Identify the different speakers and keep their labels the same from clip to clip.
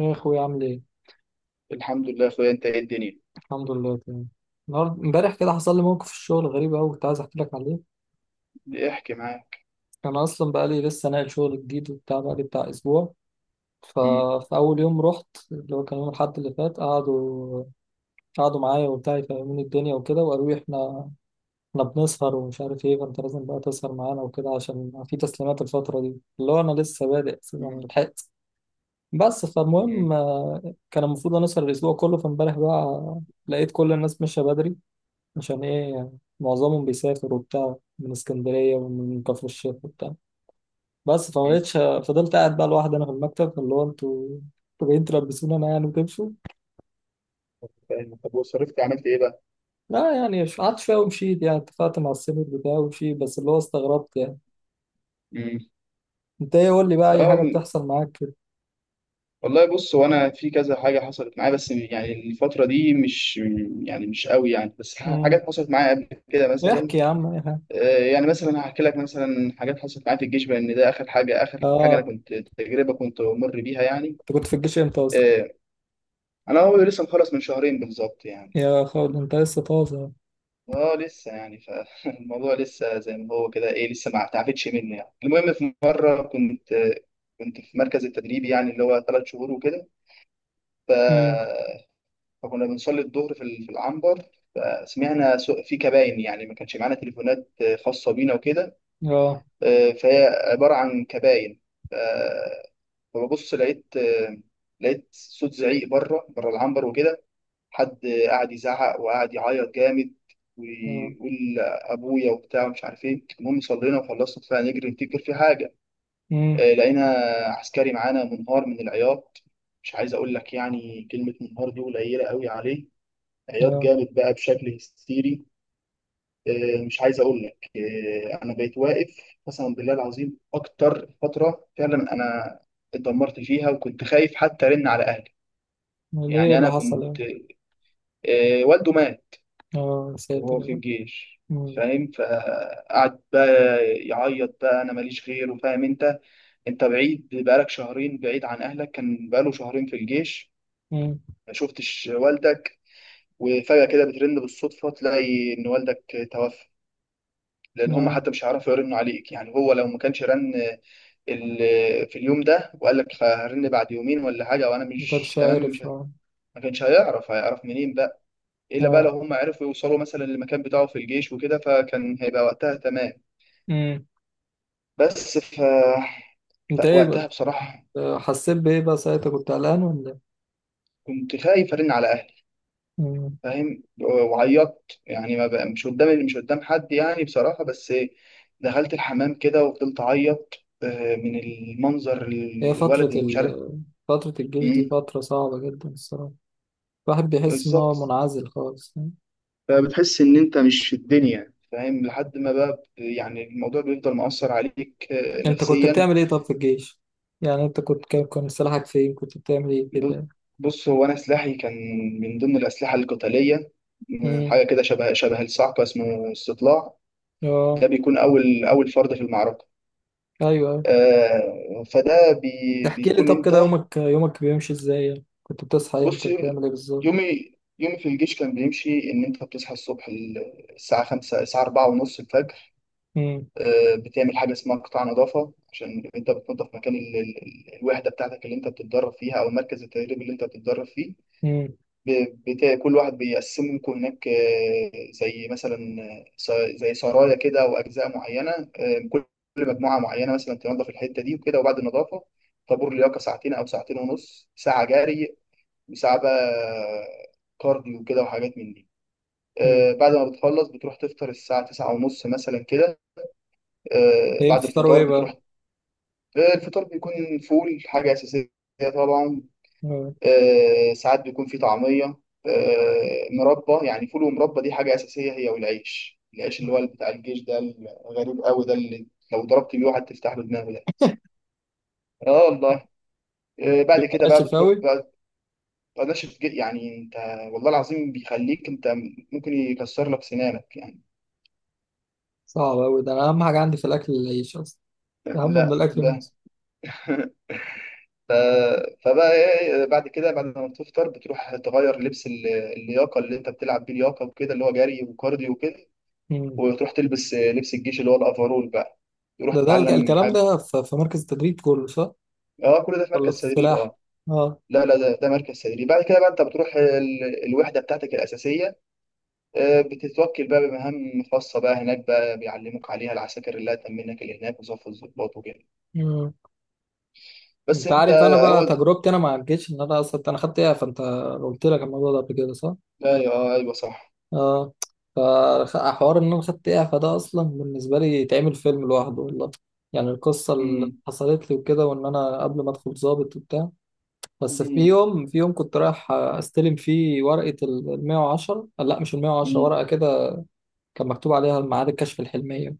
Speaker 1: ايه يا اخويا عامل ايه؟
Speaker 2: الحمد لله يا اخويا، انت ايه الدنيا.
Speaker 1: الحمد لله تمام. النهارده امبارح كده حصل لي موقف في الشغل غريب قوي كنت عايز احكي لك عليه.
Speaker 2: احكي معاك.
Speaker 1: انا اصلا بقى لي لسه ناقل شغل جديد وبتاع، بقى لي بتاع اسبوع.
Speaker 2: مم.
Speaker 1: ففي اول يوم رحت، اللي هو كان يوم الاحد اللي فات، قعدوا معايا وبتاع يفهموني الدنيا وكده، وقالوا لي احنا بنسهر ومش عارف ايه، فانت لازم بقى تسهر معانا وكده عشان في تسليمات الفتره دي، اللي هو انا لسه بادئ أساساً، انا
Speaker 2: مم.
Speaker 1: لحقت. بس فالمهم
Speaker 2: مم.
Speaker 1: كان المفروض انا اسهر الاسبوع كله. فامبارح بقى لقيت كل الناس ماشيه بدري. عشان ايه يعني؟ معظمهم بيسافر وبتاع، من اسكندرية ومن كفر الشيخ وبتاع. بس فما
Speaker 2: مم.
Speaker 1: بقتش، فضلت قاعد بقى لوحدي انا في المكتب، اللي هو انتوا جايين تلبسوني انا يعني وتمشوا.
Speaker 2: فاهم. طب وصرفت عملت ايه بقى؟
Speaker 1: لا يعني قعدت شوية ومشيت يعني، اتفقت مع السينيور بتاعي ومشيت، بس اللي هو استغربت يعني.
Speaker 2: مم.
Speaker 1: انت ايه؟ قول لي بقى اي حاجة
Speaker 2: اه
Speaker 1: بتحصل معاك كده.
Speaker 2: والله بص، وانا في كذا حاجه حصلت معايا، بس يعني الفتره دي مش يعني مش قوي يعني. بس
Speaker 1: امم
Speaker 2: حاجات حصلت معايا قبل كده مثلا.
Speaker 1: احكي يا عم اي حاجة.
Speaker 2: يعني مثلا هحكي لك مثلا حاجات حصلت معايا في الجيش، لان ده اخر حاجه انا
Speaker 1: اه،
Speaker 2: كنت تجربه كنت مر بيها يعني.
Speaker 1: انت كنت في الجيش امتى اصلا؟
Speaker 2: آه، انا هو لسه مخلص من شهرين بالظبط يعني.
Speaker 1: يا خالد انت لسه طازة.
Speaker 2: اه لسه يعني، فالموضوع لسه زي ما هو كده، ايه، لسه ما تعبتش مني يعني. المهم في مره كنت في مركز التدريب، يعني اللي هو 3 شهور وكده. ف...
Speaker 1: امم.
Speaker 2: فكنا بنصلي الظهر في في العنبر. فسمعنا في كباين، يعني ما كانش معانا تليفونات خاصه بينا وكده.
Speaker 1: اه.
Speaker 2: فهي عباره عن كباين. ف... فببص لقيت صوت زعيق بره بره العنبر وكده. حد قعد يزعق وقعد يعيط جامد،
Speaker 1: اه.
Speaker 2: ويقول ابويا وبتاع ومش عارف ايه. المهم صلينا وخلصنا، طلعنا نجري نفتكر في حاجه.
Speaker 1: امم.
Speaker 2: لقينا عسكري معانا منهار من العياط. مش عايز اقول لك يعني، كلمه منهار دي قليله قوي عليه. عياط
Speaker 1: اه.
Speaker 2: جامد بقى بشكل هستيري. مش عايز اقول لك. انا بقيت واقف، قسما بالله العظيم اكتر فتره فعلا انا اتدمرت فيها، وكنت خايف حتى ارن على اهلي.
Speaker 1: ليه؟
Speaker 2: يعني
Speaker 1: اللي
Speaker 2: انا
Speaker 1: حصل
Speaker 2: كنت،
Speaker 1: يعني.
Speaker 2: والده مات
Speaker 1: اه يا ساتر
Speaker 2: وهو
Speaker 1: يا
Speaker 2: في
Speaker 1: رب.
Speaker 2: الجيش، فاهم. فقعد بقى يعيط بقى، انا ماليش غيره، فاهم انت، انت بعيد بقالك شهرين، بعيد عن اهلك. كان بقاله شهرين في الجيش
Speaker 1: امم.
Speaker 2: ما شفتش والدك، وفجأة كده بترن بالصدفة تلاقي ان والدك توفى. لان هم
Speaker 1: آه،
Speaker 2: حتى مش هيعرفوا يرنوا عليك يعني، هو لو ما كانش رن في اليوم ده، وقال لك هرن بعد يومين ولا حاجة، وانا
Speaker 1: ما
Speaker 2: مش
Speaker 1: كانش
Speaker 2: تمام، مش
Speaker 1: عارف
Speaker 2: ه-
Speaker 1: اه.
Speaker 2: ما كانش هيعرف، هيعرف منين بقى؟ الا بقى لو
Speaker 1: اه.
Speaker 2: هم عرفوا يوصلوا مثلا للمكان بتاعه في الجيش وكده، فكان هيبقى وقتها تمام.
Speaker 1: امم.
Speaker 2: بس
Speaker 1: انت ايه بقى؟
Speaker 2: فوقتها بصراحة
Speaker 1: حسيت بايه بقى ساعتها؟ كنت قلقان ولا إيه؟
Speaker 2: كنت خايف أرن على أهلي،
Speaker 1: مم.
Speaker 2: فاهم. وعيطت يعني، ما بقى مش قدام حد يعني بصراحة، بس دخلت الحمام كده وفضلت أعيط. من المنظر
Speaker 1: هي
Speaker 2: الولد
Speaker 1: فترة
Speaker 2: اللي مش
Speaker 1: ال
Speaker 2: عارف.
Speaker 1: فترة الجيش دي
Speaker 2: مم،
Speaker 1: فترة صعبة جدا الصراحة. الواحد بيحس ان هو
Speaker 2: بالظبط.
Speaker 1: منعزل خالص.
Speaker 2: فبتحس إن أنت مش في الدنيا فاهم، لحد ما بقى يعني الموضوع بيفضل مؤثر عليك
Speaker 1: انت كنت
Speaker 2: نفسيا.
Speaker 1: بتعمل ايه طب في الجيش؟ يعني انت كنت، كان سلاحك فين؟ كنت بتعمل ايه
Speaker 2: ب-
Speaker 1: كده؟
Speaker 2: بص، هو أنا سلاحي كان من ضمن الأسلحة القتالية.
Speaker 1: امم.
Speaker 2: حاجة كده شبه شبه الصعقة، اسمه استطلاع. ده
Speaker 1: اه.
Speaker 2: بيكون اول اول فرد في المعركه.
Speaker 1: ايوه، أيوة.
Speaker 2: آه فده بي
Speaker 1: تحكي لي
Speaker 2: بيكون
Speaker 1: طب
Speaker 2: انت،
Speaker 1: كده يومك بيمشي ازاي يعني؟ كنت بتصحى
Speaker 2: بص،
Speaker 1: امتى؟ بتعمل ايه بالظبط؟
Speaker 2: يومي، يومي في الجيش كان بيمشي ان انت بتصحى الصبح، الساعه 5، الساعه 4 ونص الفجر.
Speaker 1: امم.
Speaker 2: آه بتعمل حاجه اسمها قطاع نظافه، عشان انت بتنظف مكان الوحده بتاعتك اللي انت بتتدرب فيها، او مركز التدريب اللي انت بتتدرب فيه.
Speaker 1: امم.
Speaker 2: كل واحد بيقسموا لكم هناك، زي مثلا زي سرايا كده، او اجزاء معينه. كل مجموعه معينه مثلا تنظف الحته دي وكده. وبعد النظافه، طابور لياقه ساعتين او ساعتين ونص، ساعه جري وساعه بقى كارديو كده وحاجات من دي.
Speaker 1: امم.
Speaker 2: بعد ما بتخلص بتروح تفطر الساعه 9:30 مثلا كده.
Speaker 1: ايه
Speaker 2: بعد
Speaker 1: بتفطروا
Speaker 2: الفطار
Speaker 1: ايه بقى؟
Speaker 2: بتروح، الفطار بيكون فول، حاجه اساسيه طبعا.
Speaker 1: آه.
Speaker 2: ساعات بيكون في طعمية، مربى. يعني فول ومربى دي حاجة أساسية هي والعيش. العيش اللي
Speaker 1: آه.
Speaker 2: هو بتاع الجيش ده، الغريب قوي ده، اللي لو ضربت بيه واحد تفتح له دماغه ده. اه والله. بعد كده
Speaker 1: بلاش
Speaker 2: بقى بتروح
Speaker 1: شفاوي.
Speaker 2: بقى. بلاش يعني انت، والله العظيم بيخليك انت ممكن يكسر لك سنانك يعني.
Speaker 1: صعب أوي ده، أنا أهم حاجة عندي في الأكل العيش أصلا، أهم من
Speaker 2: لا
Speaker 1: الأكل
Speaker 2: ده
Speaker 1: نفسه.
Speaker 2: ف... فبقى ايه، إيه، بعد كده بعد ما بتفطر بتروح تغير لبس اللياقه اللي انت بتلعب بيه لياقه وكده، اللي هو جري وكارديو وكده.
Speaker 1: مم.
Speaker 2: وتروح تلبس لبس الجيش اللي هو الافرول بقى، تروح
Speaker 1: ده
Speaker 2: تتعلم
Speaker 1: الكلام
Speaker 2: حاجه.
Speaker 1: ده في في مركز التدريب كله صح؟
Speaker 2: اه كل ده في
Speaker 1: ولا في
Speaker 2: مركز تدريب،
Speaker 1: السلاح؟
Speaker 2: اه.
Speaker 1: أه.
Speaker 2: لا لا، ده ده مركز تدريب. بعد كده بقى انت بتروح الوحده بتاعتك الاساسيه. بتتوكل بقى بمهام خاصه بقى هناك بقى، بيعلموك عليها العساكر اللي هتأمنك اللي هناك، وصف الضباط وكده.
Speaker 1: مم.
Speaker 2: بس
Speaker 1: أنت
Speaker 2: انت.
Speaker 1: عارف أنا بقى
Speaker 2: هو
Speaker 1: تجربتي أنا مع الجيش، إن أنا أصلا أنا خدت إعفاء. أنت قلت لك الموضوع ده قبل كده صح؟
Speaker 2: ايوه، ايوه صح.
Speaker 1: أه. فحوار إن أنا خدت إعفاء ده أصلا بالنسبة لي يتعمل فيلم لوحده والله. يعني القصة اللي
Speaker 2: امم.
Speaker 1: حصلت لي وكده، وإن أنا قبل ما أدخل ضابط وبتاع. بس في
Speaker 2: امم.
Speaker 1: يوم في يوم كنت رايح استلم فيه ورقة ال 110، لا مش ال 110،
Speaker 2: امم.
Speaker 1: ورقة كده كان مكتوب عليها ميعاد الكشف الحلمية.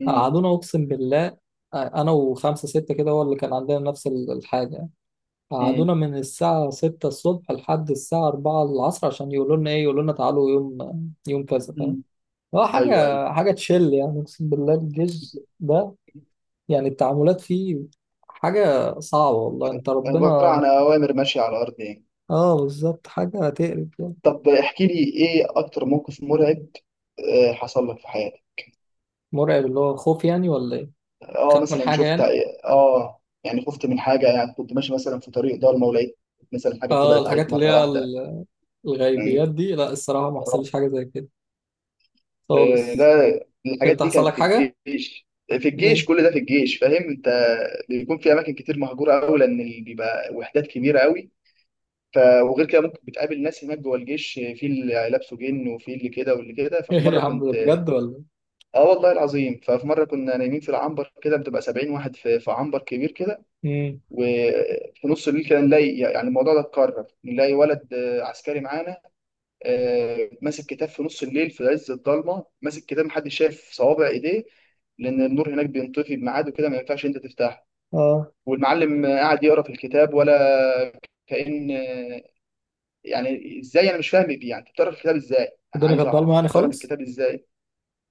Speaker 2: امم.
Speaker 1: قعدونا أقسم بالله، أنا وخمسة ستة كده هو اللي كان عندنا نفس الحاجة. قعدونا من الساعة 6 الصبح لحد الساعة 4 العصر عشان يقولوا لنا إيه؟ يقولوا لنا تعالوا يوم يوم كذا،
Speaker 2: امم.
Speaker 1: فاهم؟ هو
Speaker 2: ايوه ايوه.
Speaker 1: حاجة تشل يعني، أقسم بالله الجيش ده. يعني التعاملات فيه حاجة صعبة والله، أنت
Speaker 2: عباره عن
Speaker 1: ربنا.
Speaker 2: اوامر ماشيه على الارض يعني.
Speaker 1: اه بالظبط، حاجة تقرف.
Speaker 2: طب احكي لي ايه اكتر موقف مرعب حصل لك في حياتك؟
Speaker 1: مرعب اللي هو خوف يعني ولا ايه؟
Speaker 2: اه
Speaker 1: خاف من
Speaker 2: مثلا
Speaker 1: حاجة
Speaker 2: شفت.
Speaker 1: يعني.
Speaker 2: اه يعني خفت من حاجه يعني، كنت ماشي مثلا في طريق ضلمه ولقيت مثلا حاجه
Speaker 1: اه
Speaker 2: طلعت عليك
Speaker 1: الحاجات اللي
Speaker 2: مره
Speaker 1: هي
Speaker 2: واحده يعني.
Speaker 1: الغيبيات دي، لا الصراحة ما
Speaker 2: آه،
Speaker 1: حصلش حاجة زي كده
Speaker 2: آه،
Speaker 1: خالص.
Speaker 2: لا، الحاجات
Speaker 1: انت
Speaker 2: دي
Speaker 1: حصل
Speaker 2: كانت
Speaker 1: لك
Speaker 2: في
Speaker 1: حاجة؟
Speaker 2: الجيش. في الجيش
Speaker 1: ايه
Speaker 2: كل ده، في الجيش، فاهم انت. بيكون في اماكن كتير مهجوره قوي، لان بيبقى وحدات كبيره قوي. ف، وغير كده ممكن بتقابل ناس هناك جوه الجيش، في اللي لابسه جن وفي اللي كده واللي كده.
Speaker 1: ايه
Speaker 2: ففي
Speaker 1: يا
Speaker 2: مره
Speaker 1: عم ده
Speaker 2: كنت،
Speaker 1: بجد ولا ايه؟
Speaker 2: اه والله العظيم، ففي مره كنا نايمين في العنبر كده، بتبقى 70 واحد في عنبر كبير كده.
Speaker 1: امم.
Speaker 2: وفي نص الليل كده نلاقي، يعني الموضوع ده اتكرر، نلاقي ولد عسكري معانا، ماسك كتاب في نص الليل في عز الضلمه، ماسك كتاب محدش شايف صوابع ايديه، لان النور هناك بينطفي بميعاد وكده، ما ينفعش انت تفتحه.
Speaker 1: اه
Speaker 2: والمعلم قاعد يقرا في الكتاب، ولا كأن يعني ازاي؟ انا مش فاهم بيه يعني، انت بتقرا في الكتاب ازاي؟ انا
Speaker 1: الدنيا
Speaker 2: عايز
Speaker 1: كانت
Speaker 2: اعرف
Speaker 1: ضلمة
Speaker 2: انت
Speaker 1: يعني
Speaker 2: بتقرا في
Speaker 1: خالص.
Speaker 2: الكتاب ازاي.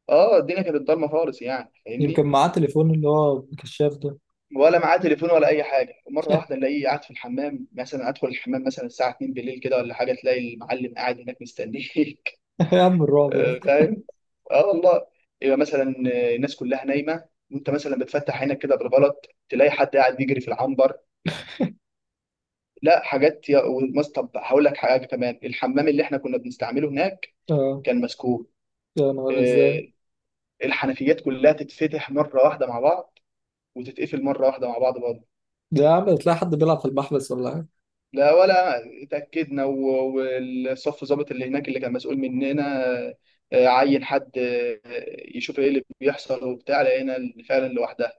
Speaker 2: اه الدنيا كانت ضلمه خالص يعني،
Speaker 1: يمكن
Speaker 2: فاهمني.
Speaker 1: معاه تليفون اللي هو كشاف ده.
Speaker 2: ولا معاه تليفون ولا اي حاجه. ومره واحده الاقيه قاعد في الحمام مثلا، ادخل الحمام مثلا الساعه 2 بالليل كده ولا حاجه، تلاقي المعلم قاعد هناك مستنيك.
Speaker 1: يا عم الرعب ده.
Speaker 2: فاهم. اه والله. يبقى مثلا الناس كلها نايمه، وانت مثلا بتفتح عينك كده بالغلط تلاقي حد قاعد بيجري في العنبر. لا حاجات طب هقول لك حاجه كمان. الحمام اللي احنا كنا بنستعمله هناك
Speaker 1: اه.
Speaker 2: كان مسكون.
Speaker 1: يا نهار
Speaker 2: آه،
Speaker 1: ازاي.
Speaker 2: الحنفيات كلها تتفتح مره واحده مع بعض، وتتقفل مره واحده مع بعض.
Speaker 1: ده يا عم تلاقي حد بيلعب في المحبس ولا حاجة.
Speaker 2: لا، ولا اتأكدنا، والصف ضابط اللي هناك اللي كان مسؤول مننا عين حد يشوف ايه اللي بيحصل وبتاع، لقينا فعلا لوحدها.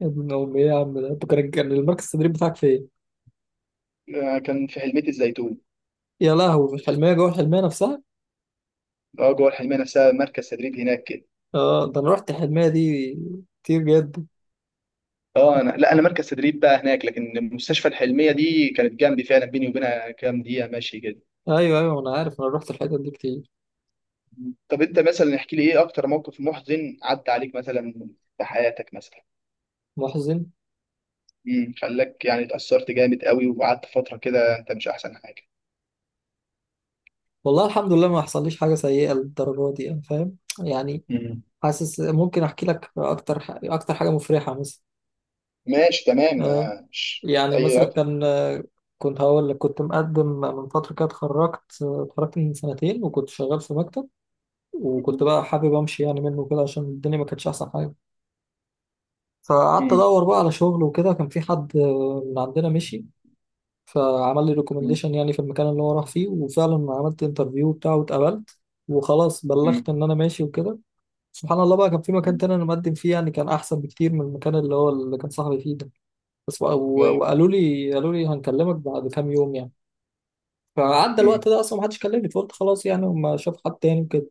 Speaker 1: يا ابن امي، ايه يا عم ده؟ انت كان المركز التدريب بتاعك فين؟
Speaker 2: كان في حلمية الزيتون.
Speaker 1: يا لهوي، في الحلمية جوه الحلمية نفسها؟
Speaker 2: اه جوه الحلمية نفسها، مركز تدريب هناك كده.
Speaker 1: اه ده انا رحت الحلمية دي كتير جدا.
Speaker 2: اه انا، لا انا مركز تدريب بقى هناك، لكن مستشفى الحلمية دي كانت جنبي فعلا، بيني وبينها كام دقيقة ماشي كده.
Speaker 1: ايوه ايوه انا عارف، انا رحت الحتت دي كتير.
Speaker 2: طب انت مثلا احكي لي، ايه اكتر موقف محزن عدى عليك مثلا في حياتك مثلا؟
Speaker 1: محزن؟
Speaker 2: امم، خلاك يعني اتأثرت جامد قوي، وقعدت فترة كده انت مش احسن حاجة.
Speaker 1: والله الحمد لله ما حصليش حاجه سيئه للدرجه دي يعني، فاهم يعني.
Speaker 2: مم.
Speaker 1: حاسس ممكن احكي لك اكتر اكتر حاجه مفرحه مثلا.
Speaker 2: ماشي تمام،
Speaker 1: آه،
Speaker 2: ماشي
Speaker 1: يعني
Speaker 2: اي
Speaker 1: مثلا
Speaker 2: رقم.
Speaker 1: كان كنت هقول لك، كنت مقدم من فتره كده، اتخرجت من سنتين وكنت شغال في مكتب، وكنت بقى حابب امشي يعني منه كده عشان الدنيا ما كانتش احسن حاجه. فقعدت
Speaker 2: مم.
Speaker 1: ادور بقى على شغل وكده، كان في حد من عندنا مشي. فعمل لي
Speaker 2: مم.
Speaker 1: ريكومنديشن يعني في المكان اللي هو راح فيه، وفعلا عملت انترفيو بتاعه واتقبلت، وخلاص
Speaker 2: مم.
Speaker 1: بلغت ان انا ماشي وكده. سبحان الله بقى، كان في مكان
Speaker 2: مم.
Speaker 1: تاني انا مقدم فيه يعني، كان احسن بكتير من المكان اللي هو اللي كان صاحبي فيه ده. بس و- و-
Speaker 2: ايوه.
Speaker 1: وقالوا لي، قالوا لي هنكلمك بعد كام يوم يعني. فعدى
Speaker 2: مم.
Speaker 1: الوقت ده اصلا ما حدش كلمني، فقلت خلاص يعني هم شاف حد تاني وكده.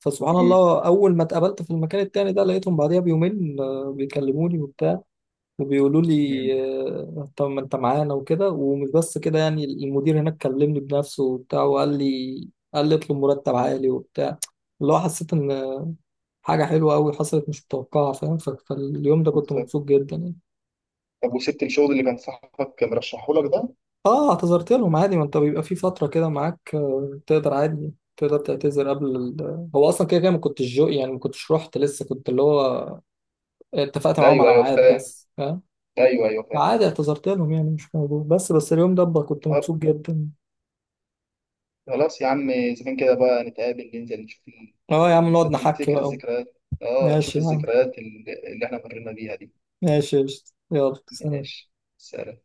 Speaker 1: فسبحان
Speaker 2: مم.
Speaker 1: الله، اول ما اتقابلت في المكان التاني ده لقيتهم بعديها بيومين بيكلموني وبتاع وبيقولوا لي
Speaker 2: مم.
Speaker 1: طب ما انت معانا وكده. ومش بس كده يعني، المدير هناك كلمني بنفسه وبتاع وقال لي، قال لي اطلب مرتب عالي وبتاع. اللي هو حسيت ان حاجة حلوة قوي حصلت مش متوقعة، فاهم؟ فاليوم ده كنت
Speaker 2: بالظبط.
Speaker 1: مبسوط جدا يعني.
Speaker 2: طب وسبت الشغل اللي كان صاحبك مرشحه لك ده؟
Speaker 1: اه اعتذرت لهم عادي، ما انت بيبقى في فترة كده معاك تقدر عادي تقدر تعتذر قبل هو اصلا كده كده ما كنتش جو يعني، ما كنتش رحت لسه، كنت اللي هو اتفقت
Speaker 2: ده
Speaker 1: معاهم
Speaker 2: ايوه
Speaker 1: على
Speaker 2: ايوه
Speaker 1: ميعاد
Speaker 2: فاهم.
Speaker 1: بس، فاهم؟
Speaker 2: ايوه ايوه فاهم.
Speaker 1: عادي اعتذرت لهم يعني مش موضوع. بس بس اليوم ده بقى كنت
Speaker 2: طب
Speaker 1: مبسوط جدا.
Speaker 2: خلاص يا عم، اذا كان كده بقى نتقابل، ننزل نشوف
Speaker 1: اه يا عم
Speaker 2: ال-
Speaker 1: نقعد نحكي
Speaker 2: نفتكر
Speaker 1: بقى.
Speaker 2: الذكريات. اه نشوف
Speaker 1: ماشي يا عم،
Speaker 2: الذكريات اللي احنا مرينا بيها دي.
Speaker 1: ماشي يا قشطة. يلا سلام.
Speaker 2: ماشي. سلام.